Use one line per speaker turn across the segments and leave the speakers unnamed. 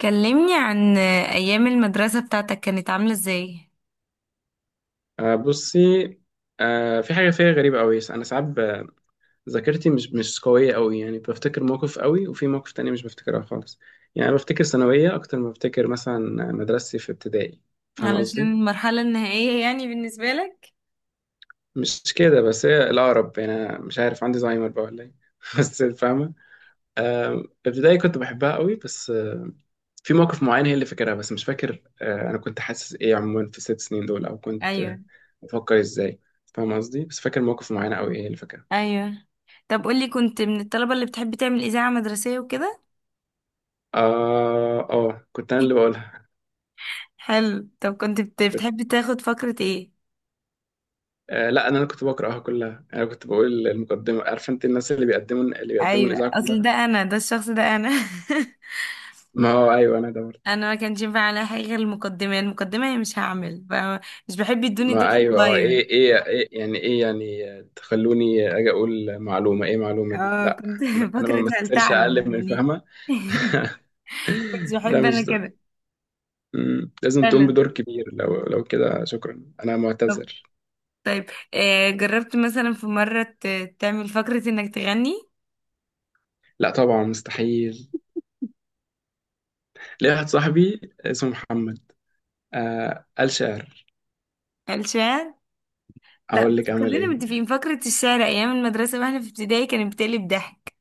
كلمني عن أيام المدرسة بتاعتك كانت عاملة ازاي؟
بصي. في حاجة فيها غريبة أوي. أنا ساعات ذاكرتي مش قوية أوي، يعني بفتكر موقف أوي وفي موقف تاني مش بفتكرها خالص. يعني أنا بفتكر ثانوية أكتر ما بفتكر مثلا مدرستي في ابتدائي. فاهم
علشان
قصدي؟
المرحلة النهائية يعني بالنسبة لك؟
مش كده، بس هي الأقرب، يعني أنا مش عارف عندي زهايمر بقى ولا إيه. بس فاهمة. ابتدائي كنت بحبها أوي، بس في موقف معين هي اللي فاكرها، بس مش فاكر. أنا كنت حاسس إيه عموما في ال6 سنين دول، أو كنت
أيوه،
بفكر إزاي. فاهم قصدي؟ بس فاكر موقف معين أوي هي اللي فاكرها.
أيوه. طب قولي، كنت من الطلبة اللي بتحب تعمل إذاعة مدرسية وكده؟
اه اه، كنت انا اللي بقولها.
حلو. طب كنت
كنت...
بتحب تاخد فقرة ايه؟
لا، انا اللي كنت بقراها كلها. انا كنت بقول المقدمه، عارف انت، الناس اللي بيقدموا اللي بيقدموا
أيوه،
الاذاعه
أصل ده
كلها.
أنا، ده الشخص ده أنا.
ما هو ايوه، انا دورت.
أنا ما كانش ينفع على حاجة غير المقدمة، المقدمة هي، مش هعمل مش بحب يدوني دور
ما ايوه، اه،
صغير.
ايه ايه ايه يعني، ايه يعني تخلوني اجي اقول معلومه، ايه معلومه دي،
اه
لا.
كنت
انا ما
فقرة هل
بمثلش
تعلم
اقل من
يعني.
فهمه.
كنت
ده
بحب أنا
مش ده.
كده.
لازم
حلو.
تقوم بدور كبير، لو كده شكرا انا معتذر.
طيب جربت مثلا في مرة تعمل فقرة انك تغني؟
لا طبعا مستحيل. ليه، واحد صاحبي اسمه محمد، آه قال شعر.
الشعر؟ لا
اقول
بس
لك عمل
خلينا
ايه.
متفقين، فقرة الشعر ايام المدرسة واحنا في ابتدائي كانت بتقلب ضحك.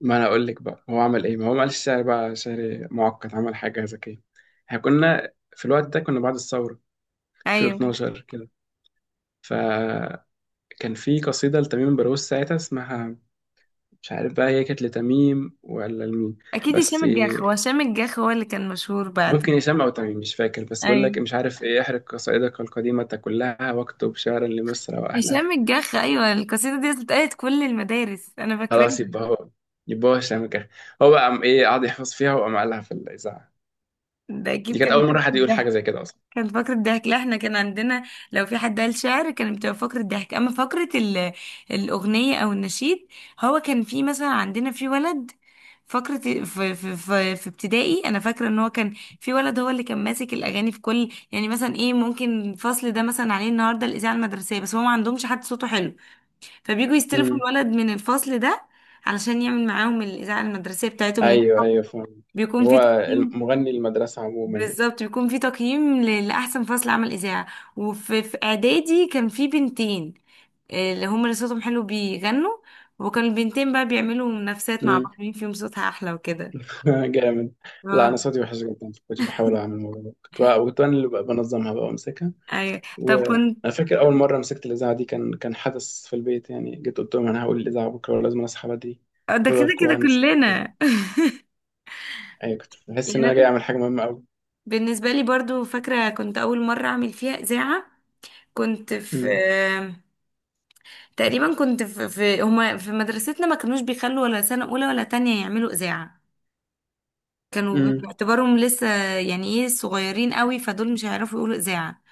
ما انا اقول لك بقى هو عمل ايه، ما هو ما قالش سعر بقى، سعر معقد، عمل حاجه ذكيه. احنا كنا في الوقت ده كنا بعد الثوره،
ايوه،
2012 كده. فكان في قصيده لتميم بروز ساعتها اسمها، مش عارف بقى هي كانت لتميم ولا لمين،
اكيد هشام
بس
الجاخ، هو هشام الجاخ هو اللي كان مشهور بعد.
ممكن هشام او تميم، مش فاكر، بس بقول لك،
ايوه
مش عارف ايه، احرق قصائدك القديمه كلها واكتب شعرا لمصر واهلها.
هشام الجاخ، ايوه. القصيدة دي اتقالت كل المدارس، انا فاكراها.
خلاص يبقى هو، هشام كده. هو بقى قام ايه، قعد يحفظ فيها وقام قالها في الاذاعه.
ده
دي
اكيد
كانت
كان
اول مره حد
بتقلب
يقول حاجه
ضحك.
زي كده اصلا.
كان فقرة ضحك. لا احنا كان عندنا، لو في حد قال شعر كانت بتبقى فقرة ضحك، اما فقرة الأغنية او النشيد. هو كان في مثلا عندنا في ولد فقرة في ابتدائي. انا فاكرة ان هو كان في ولد هو اللي كان ماسك الاغاني في كل، يعني مثلا ايه، ممكن الفصل ده مثلا عليه النهارده الاذاعة المدرسية بس هو ما عندهمش حد صوته حلو، فبييجوا يستلفوا
امم.
الولد من الفصل ده علشان يعمل معاهم الاذاعة المدرسية بتاعتهم، لان
ايوه ايوه فاهم.
بيكون في
هو
تقييم.
مغني المدرسه عموما يعني.
بالظبط، بيكون في تقييم لأحسن فصل عمل إذاعة. وفي إعدادي كان في بنتين، اللي هم اللي صوتهم حلو بيغنوا. وكان البنتين بقى بيعملوا منافسات مع
امم.
بعض، مين فيهم صوتها أحلى وكده.
جامد. لا
اه.
انا صوتي وحش جدا، كنت بحاول اعمل الموضوع ده، كنت انا اللي بقى بنظمها بقى وامسكها.
أيوة. طب
وانا
كنت
فاكر اول مره مسكت الاذاعه دي، كان حدث في البيت يعني، جيت قلت لهم انا هقول الاذاعه بكره ولازم اصحى بدري.
ده
خدوا
كده
بالكم
كده
بقى انا صحيت بدري.
كلنا.
ايوه كنت بحس
يعني
ان انا
أنا،
جاي اعمل حاجه مهمه قوي.
بالنسبة لي برضو فاكرة كنت أول مرة أعمل فيها إذاعة، كنت في
امم.
تقريبا كنت في, في هما في مدرستنا ما كانوش بيخلوا ولا سنة أولى ولا تانية يعملوا إذاعة. كانوا
امم.
باعتبارهم لسه، يعني ايه، صغيرين قوي فدول مش هيعرفوا يقولوا اذاعه.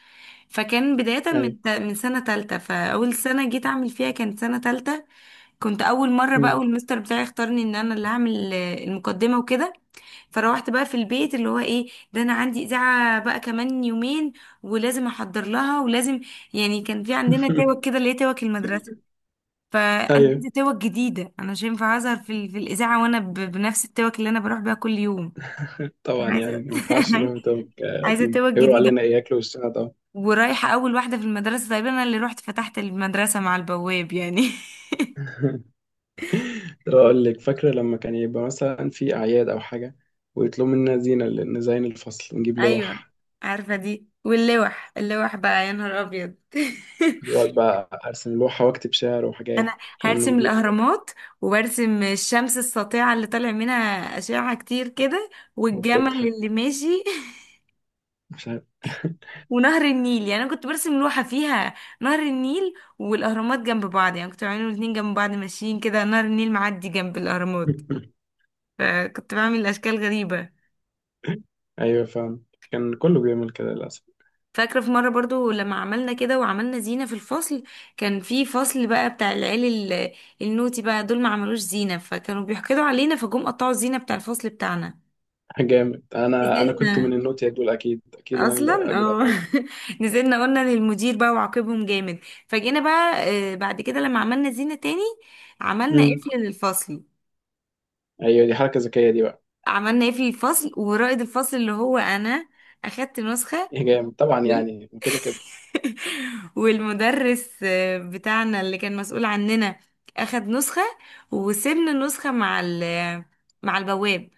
فكان بدايه
ايوه.
من من سنه تالتة، فاول سنه جيت اعمل فيها كانت سنه تالتة. كنت اول مره بقى،
امم.
والمستر بتاعي اختارني ان انا اللي هعمل المقدمه وكده. فروحت بقى في البيت اللي هو ايه ده، انا عندي اذاعه بقى كمان يومين ولازم احضر لها ولازم، يعني كان في عندنا توك كده اللي هي توك المدرسه، فانا
ايوه
عايزه توك جديده. انا مش هينفع اظهر في الاذاعه وانا بنفس التوك اللي انا بروح بيها كل يوم.
طبعا،
أنا
يعني
عايزه
ما ينفعش نروح بتوع
عايزه
قديم،
توك
هيقولوا
جديده.
علينا ايه، ياكلوا وشنا طبعا.
ورايحه اول واحده في المدرسه، تقريبا انا اللي رحت فتحت المدرسه مع البواب يعني.
اقول لك، فاكره لما كان يبقى مثلا في اعياد او حاجه، ويطلبوا منا زينه نزين الفصل ونجيب
ايوه
لوح.
عارفه دي. واللوح، اللوح بقى يا نهار ابيض.
كنت بقعد بقى ارسم لوحه واكتب شعر وحاجات.
انا
كنا
هرسم
بنجيب.
الاهرامات وبرسم الشمس الساطعه اللي طالع منها اشعه كتير كده، والجمل
وبتضحك.
اللي ماشي.
مش عارف.
ونهر النيل، يعني انا كنت برسم لوحه فيها نهر النيل والاهرامات جنب بعض، يعني كنت بعملهم الاتنين جنب بعض ماشيين كده، نهر النيل معدي جنب الاهرامات، فكنت بعمل اشكال غريبه.
ايوه فاهم، كان كله بيعمل كده للاسف.
فاكره في مره برضو لما عملنا كده وعملنا زينه في الفصل، كان في فصل بقى بتاع العيال، ال- النوتي بقى دول ما عملوش زينه فكانوا بيحقدوا علينا فجم قطعوا الزينه بتاع الفصل بتاعنا.
جامد. انا كنت من
نزلنا
النوتيا دول، اكيد اكيد، انا
اصلا،
اللي اجي
اه.
اطلع.
نزلنا قلنا للمدير بقى وعاقبهم جامد. فجينا بقى بعد كده لما عملنا زينه تاني عملنا
امم.
قفل للفصل.
ايوه، دي حركه ذكيه دي بقى.
عملنا قفل الفصل ورائد الفصل اللي هو انا، اخدت نسخه.
إيه جامد طبعا، يعني كده كده.
والمدرس بتاعنا اللي كان مسؤول عننا اخد نسخة، وسيبنا النسخة مع ال مع البواب.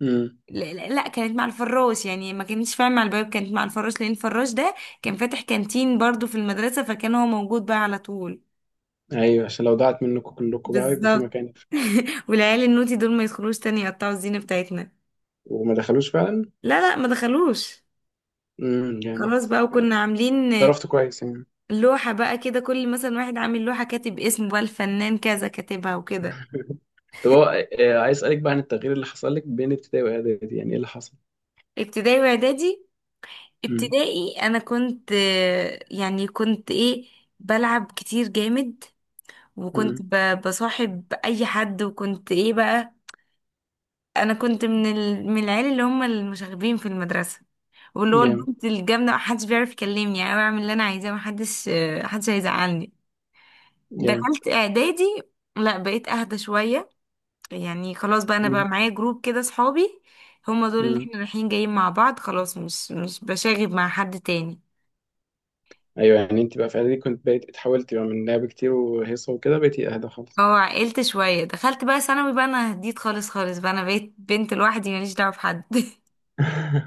امم.
لا, لا لا، كانت مع الفراش. يعني ما كانتش، فاهم، مع البواب كانت مع الفراش، لان الفراش ده كان فاتح كانتين برضو في المدرسة فكان هو موجود بقى على طول.
ايوه، عشان لو ضاعت منكم كلكم بقى يبقى في
بالظبط.
مكان.
والعيال النوتي دول ما يدخلوش تاني يقطعوا الزينة بتاعتنا.
وما دخلوش فعلا.
لا لا، ما دخلوش.
جامد.
خلاص بقى. وكنا عاملين
عرفت كويس يعني.
لوحة بقى كده، كل مثلا واحد عامل لوحة كاتب اسمه بقى الفنان كذا كاتبها وكده.
طب هو، عايز اسالك بقى عن التغيير اللي حصل لك بين ابتدائي واعدادي، يعني ايه اللي حصل.
ابتدائي واعدادي.
امم.
ابتدائي انا كنت يعني كنت ايه، بلعب كتير جامد، وكنت
امم.
بصاحب اي حد، وكنت ايه بقى، انا كنت من من العيال اللي هم المشاغبين في المدرسه، واللي هو
جامد
البنت الجامده محدش بيعرف يكلمني يعني، انا بعمل اللي انا عايزاه، محدش هيزعلني.
جامد.
دخلت اعدادي، لا بقيت اهدى شويه، يعني خلاص بقى انا بقى
امم.
معايا جروب كده صحابي، هما دول اللي
امم.
احنا رايحين جايين مع بعض خلاص، مش بشاغب مع حد تاني.
ايوه، يعني انت بقى في اعدادي كنت بقيت اتحولت بقى من لعب كتير وهيصه وكده بقيتي اهدى خالص.
اه عقلت شوية. دخلت بقى ثانوي، بقى انا هديت خالص خالص، بقى انا بقيت بنت لوحدي ماليش دعوة بحد.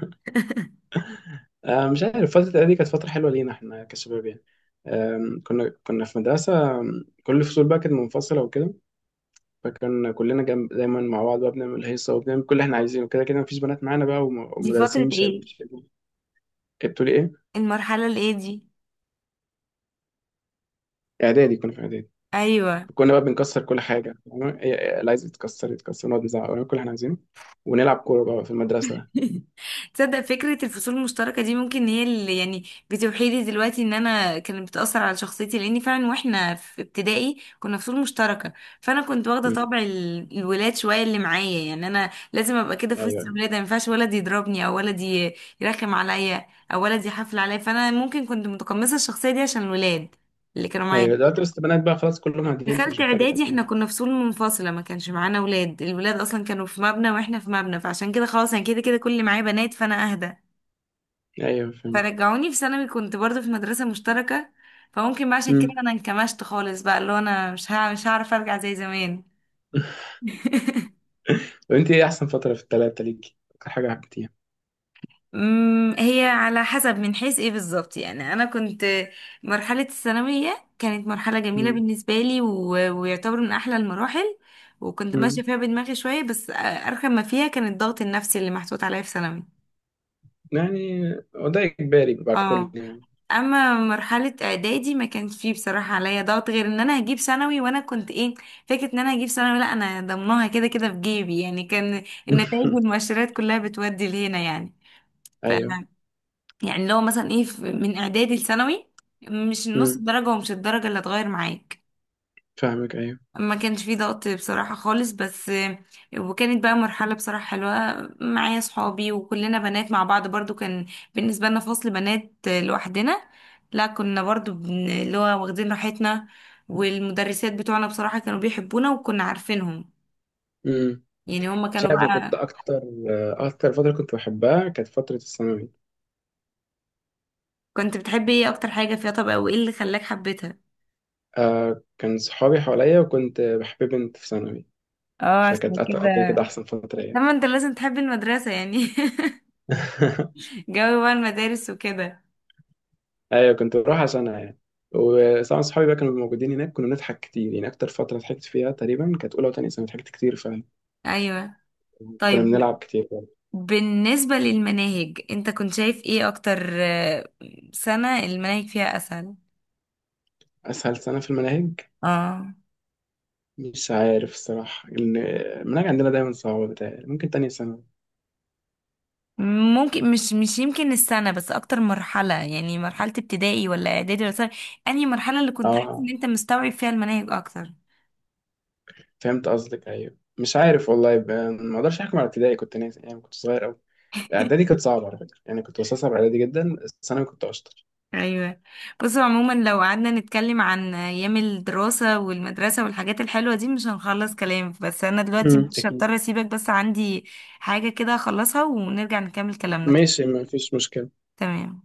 آه مش عارف، فتره اعدادي كانت فتره حلوه لينا احنا كشباب يعني. كنا في مدرسه، كل الفصول بقى كانت منفصله وكده. فكان كلنا جنب دايما مع بعض بقى، بنعمل هيصه وبنعمل كل اللي احنا عايزينه، كده كده مفيش بنات معانا بقى.
دي
والمدرسين
فترة
مش هيبقوا
ايه؟
مش هيبقوا- إيه، بتقولي ايه؟
المرحلة الايه دي؟
اعدادي، كنا في اعدادي.
ايوه.
كنا بقى بنكسر كل حاجه، فاهمة؟ إيه- إيه، اللي عايز يتكسر يتكسر، نقعد نزعق ونعمل كل اللي احنا عايزينه، ونلعب كوره بقى في المدرسه.
تصدق فكرة الفصول المشتركة دي ممكن هي اللي، يعني، بتوحي لي دلوقتي ان انا كانت بتأثر على شخصيتي، لاني فعلا واحنا في ابتدائي كنا فصول مشتركة، فانا كنت واخدة
مم.
طبع الولاد شوية اللي معايا، يعني انا لازم ابقى كده في وسط
ايوه.
الولاد، ما ينفعش ولد يضربني او ولد يرخم عليا، او ولد يحفل عليا، فانا ممكن كنت متقمصة الشخصية دي عشان الولاد اللي كانوا
ايوه
معايا.
دلوقتي بس البنات بقى خلاص كلهم عاديين،
دخلت
فمش محتاجه
اعدادي
تعمل
احنا
حاجه.
كنا فصول منفصله، ما كانش معانا ولاد، الولاد اصلا كانوا في مبنى واحنا في مبنى، فعشان كده خلاص انا كده كده كل اللي معايا بنات، فانا اهدى.
ايوه فهمت.
فرجعوني في ثانوي كنت برضو في مدرسة مشتركة، فممكن بقى عشان
مم.
كده انا انكمشت خالص بقى، اللي هو انا مش هعرف ارجع زي زمان.
طب انت ايه احسن فتره في الثلاثه ليكي، اكتر حاجه حبيتيها؟
هي على حسب من حيث ايه بالظبط، يعني انا كنت، مرحلة الثانوية كانت مرحلة جميلة
مم.
بالنسبة لي، و... ويعتبر من احلى المراحل، وكنت ماشية
مم.
فيها بدماغي شوية، بس ارخم ما فيها كان الضغط النفسي اللي محطوط عليا في ثانوي.
يعني هو ده اجباري بقى الكل
اه.
يعني.
اما مرحله اعدادي ما كانش فيه بصراحه عليا ضغط، غير ان انا هجيب ثانوي، وانا كنت ايه، فكره ان انا هجيب ثانوي، لا انا ضمناها كده كده في جيبي يعني، كان النتائج والمؤشرات كلها بتودي لهنا يعني. ف
ايوه.
يعني لو مثلا ايه من اعدادي لثانوي، مش النص
مم.
الدرجه ومش الدرجه اللي هتغير معاك.
فاهمك ايوه.
ما كانش فيه ضغط بصراحة خالص بس. وكانت بقى مرحلة بصراحة حلوة، معايا صحابي وكلنا بنات مع بعض برضو، كان بالنسبة لنا فصل بنات لوحدنا، لا كنا برضو اللي هو واخدين راحتنا، والمدرسات بتوعنا بصراحة كانوا بيحبونا وكنا عارفينهم،
مم.
يعني هما
مش
كانوا
عارف، انا كنت
بقى.
اكتر فتره كنت بحبها كانت فتره الثانوي.
كنت بتحبي ايه اكتر حاجة فيها؟ طب او ايه اللي خلاك حبيتها؟
آه كان صحابي حواليا وكنت بحب بنت في ثانوي،
اه
فكانت
عشان
كده كده
كده.
أحسن فترة يعني.
طبعا انت لازم تحبي المدرسة يعني. جو بقى المدارس وكده.
أيوة كنت بروح عشانها يعني. وطبعا صحابي بقى كانوا موجودين هناك، كنا بنضحك كتير يعني، أكتر فترة ضحكت فيها تقريبا كانت أولى وتانية سنة، ضحكت كتير فعلا.
ايوه
كنا
طيب.
بنلعب كتير برضه.
بالنسبة للمناهج، انت كنت شايف ايه اكتر، سنة المناهج فيها اسهل؟
أسهل سنة في المناهج،
اه
مش عارف الصراحة، إن المناهج عندنا دايما صعبة، بتاعي ممكن تانية سنة.
ممكن. مش يمكن السنة بس، اكتر مرحلة يعني، مرحلة ابتدائي ولا اعدادي ولا ثانوي، انهي مرحلة اللي كنت حاسس ان
أه
انت مستوعب فيها المناهج اكتر؟
فهمت قصدك، أيوة مش عارف والله، يبقى ما أقدرش أحكم على ابتدائي، كنت ناسي يعني، كنت صغير أوي. اعدادي كانت صعبه على فكره يعني، كنت بستصعب اعدادي جدا، الثانوي كنت اشطر.
ايوه. بص عموما لو قعدنا نتكلم عن ايام الدراسة والمدرسة والحاجات الحلوة دي مش هنخلص كلام، بس انا دلوقتي مش
اكيد.
هضطر اسيبك، بس عندي حاجة كده اخلصها ونرجع نكمل كلامنا
ماشي
تاني.
ما فيش مشكله.
تمام.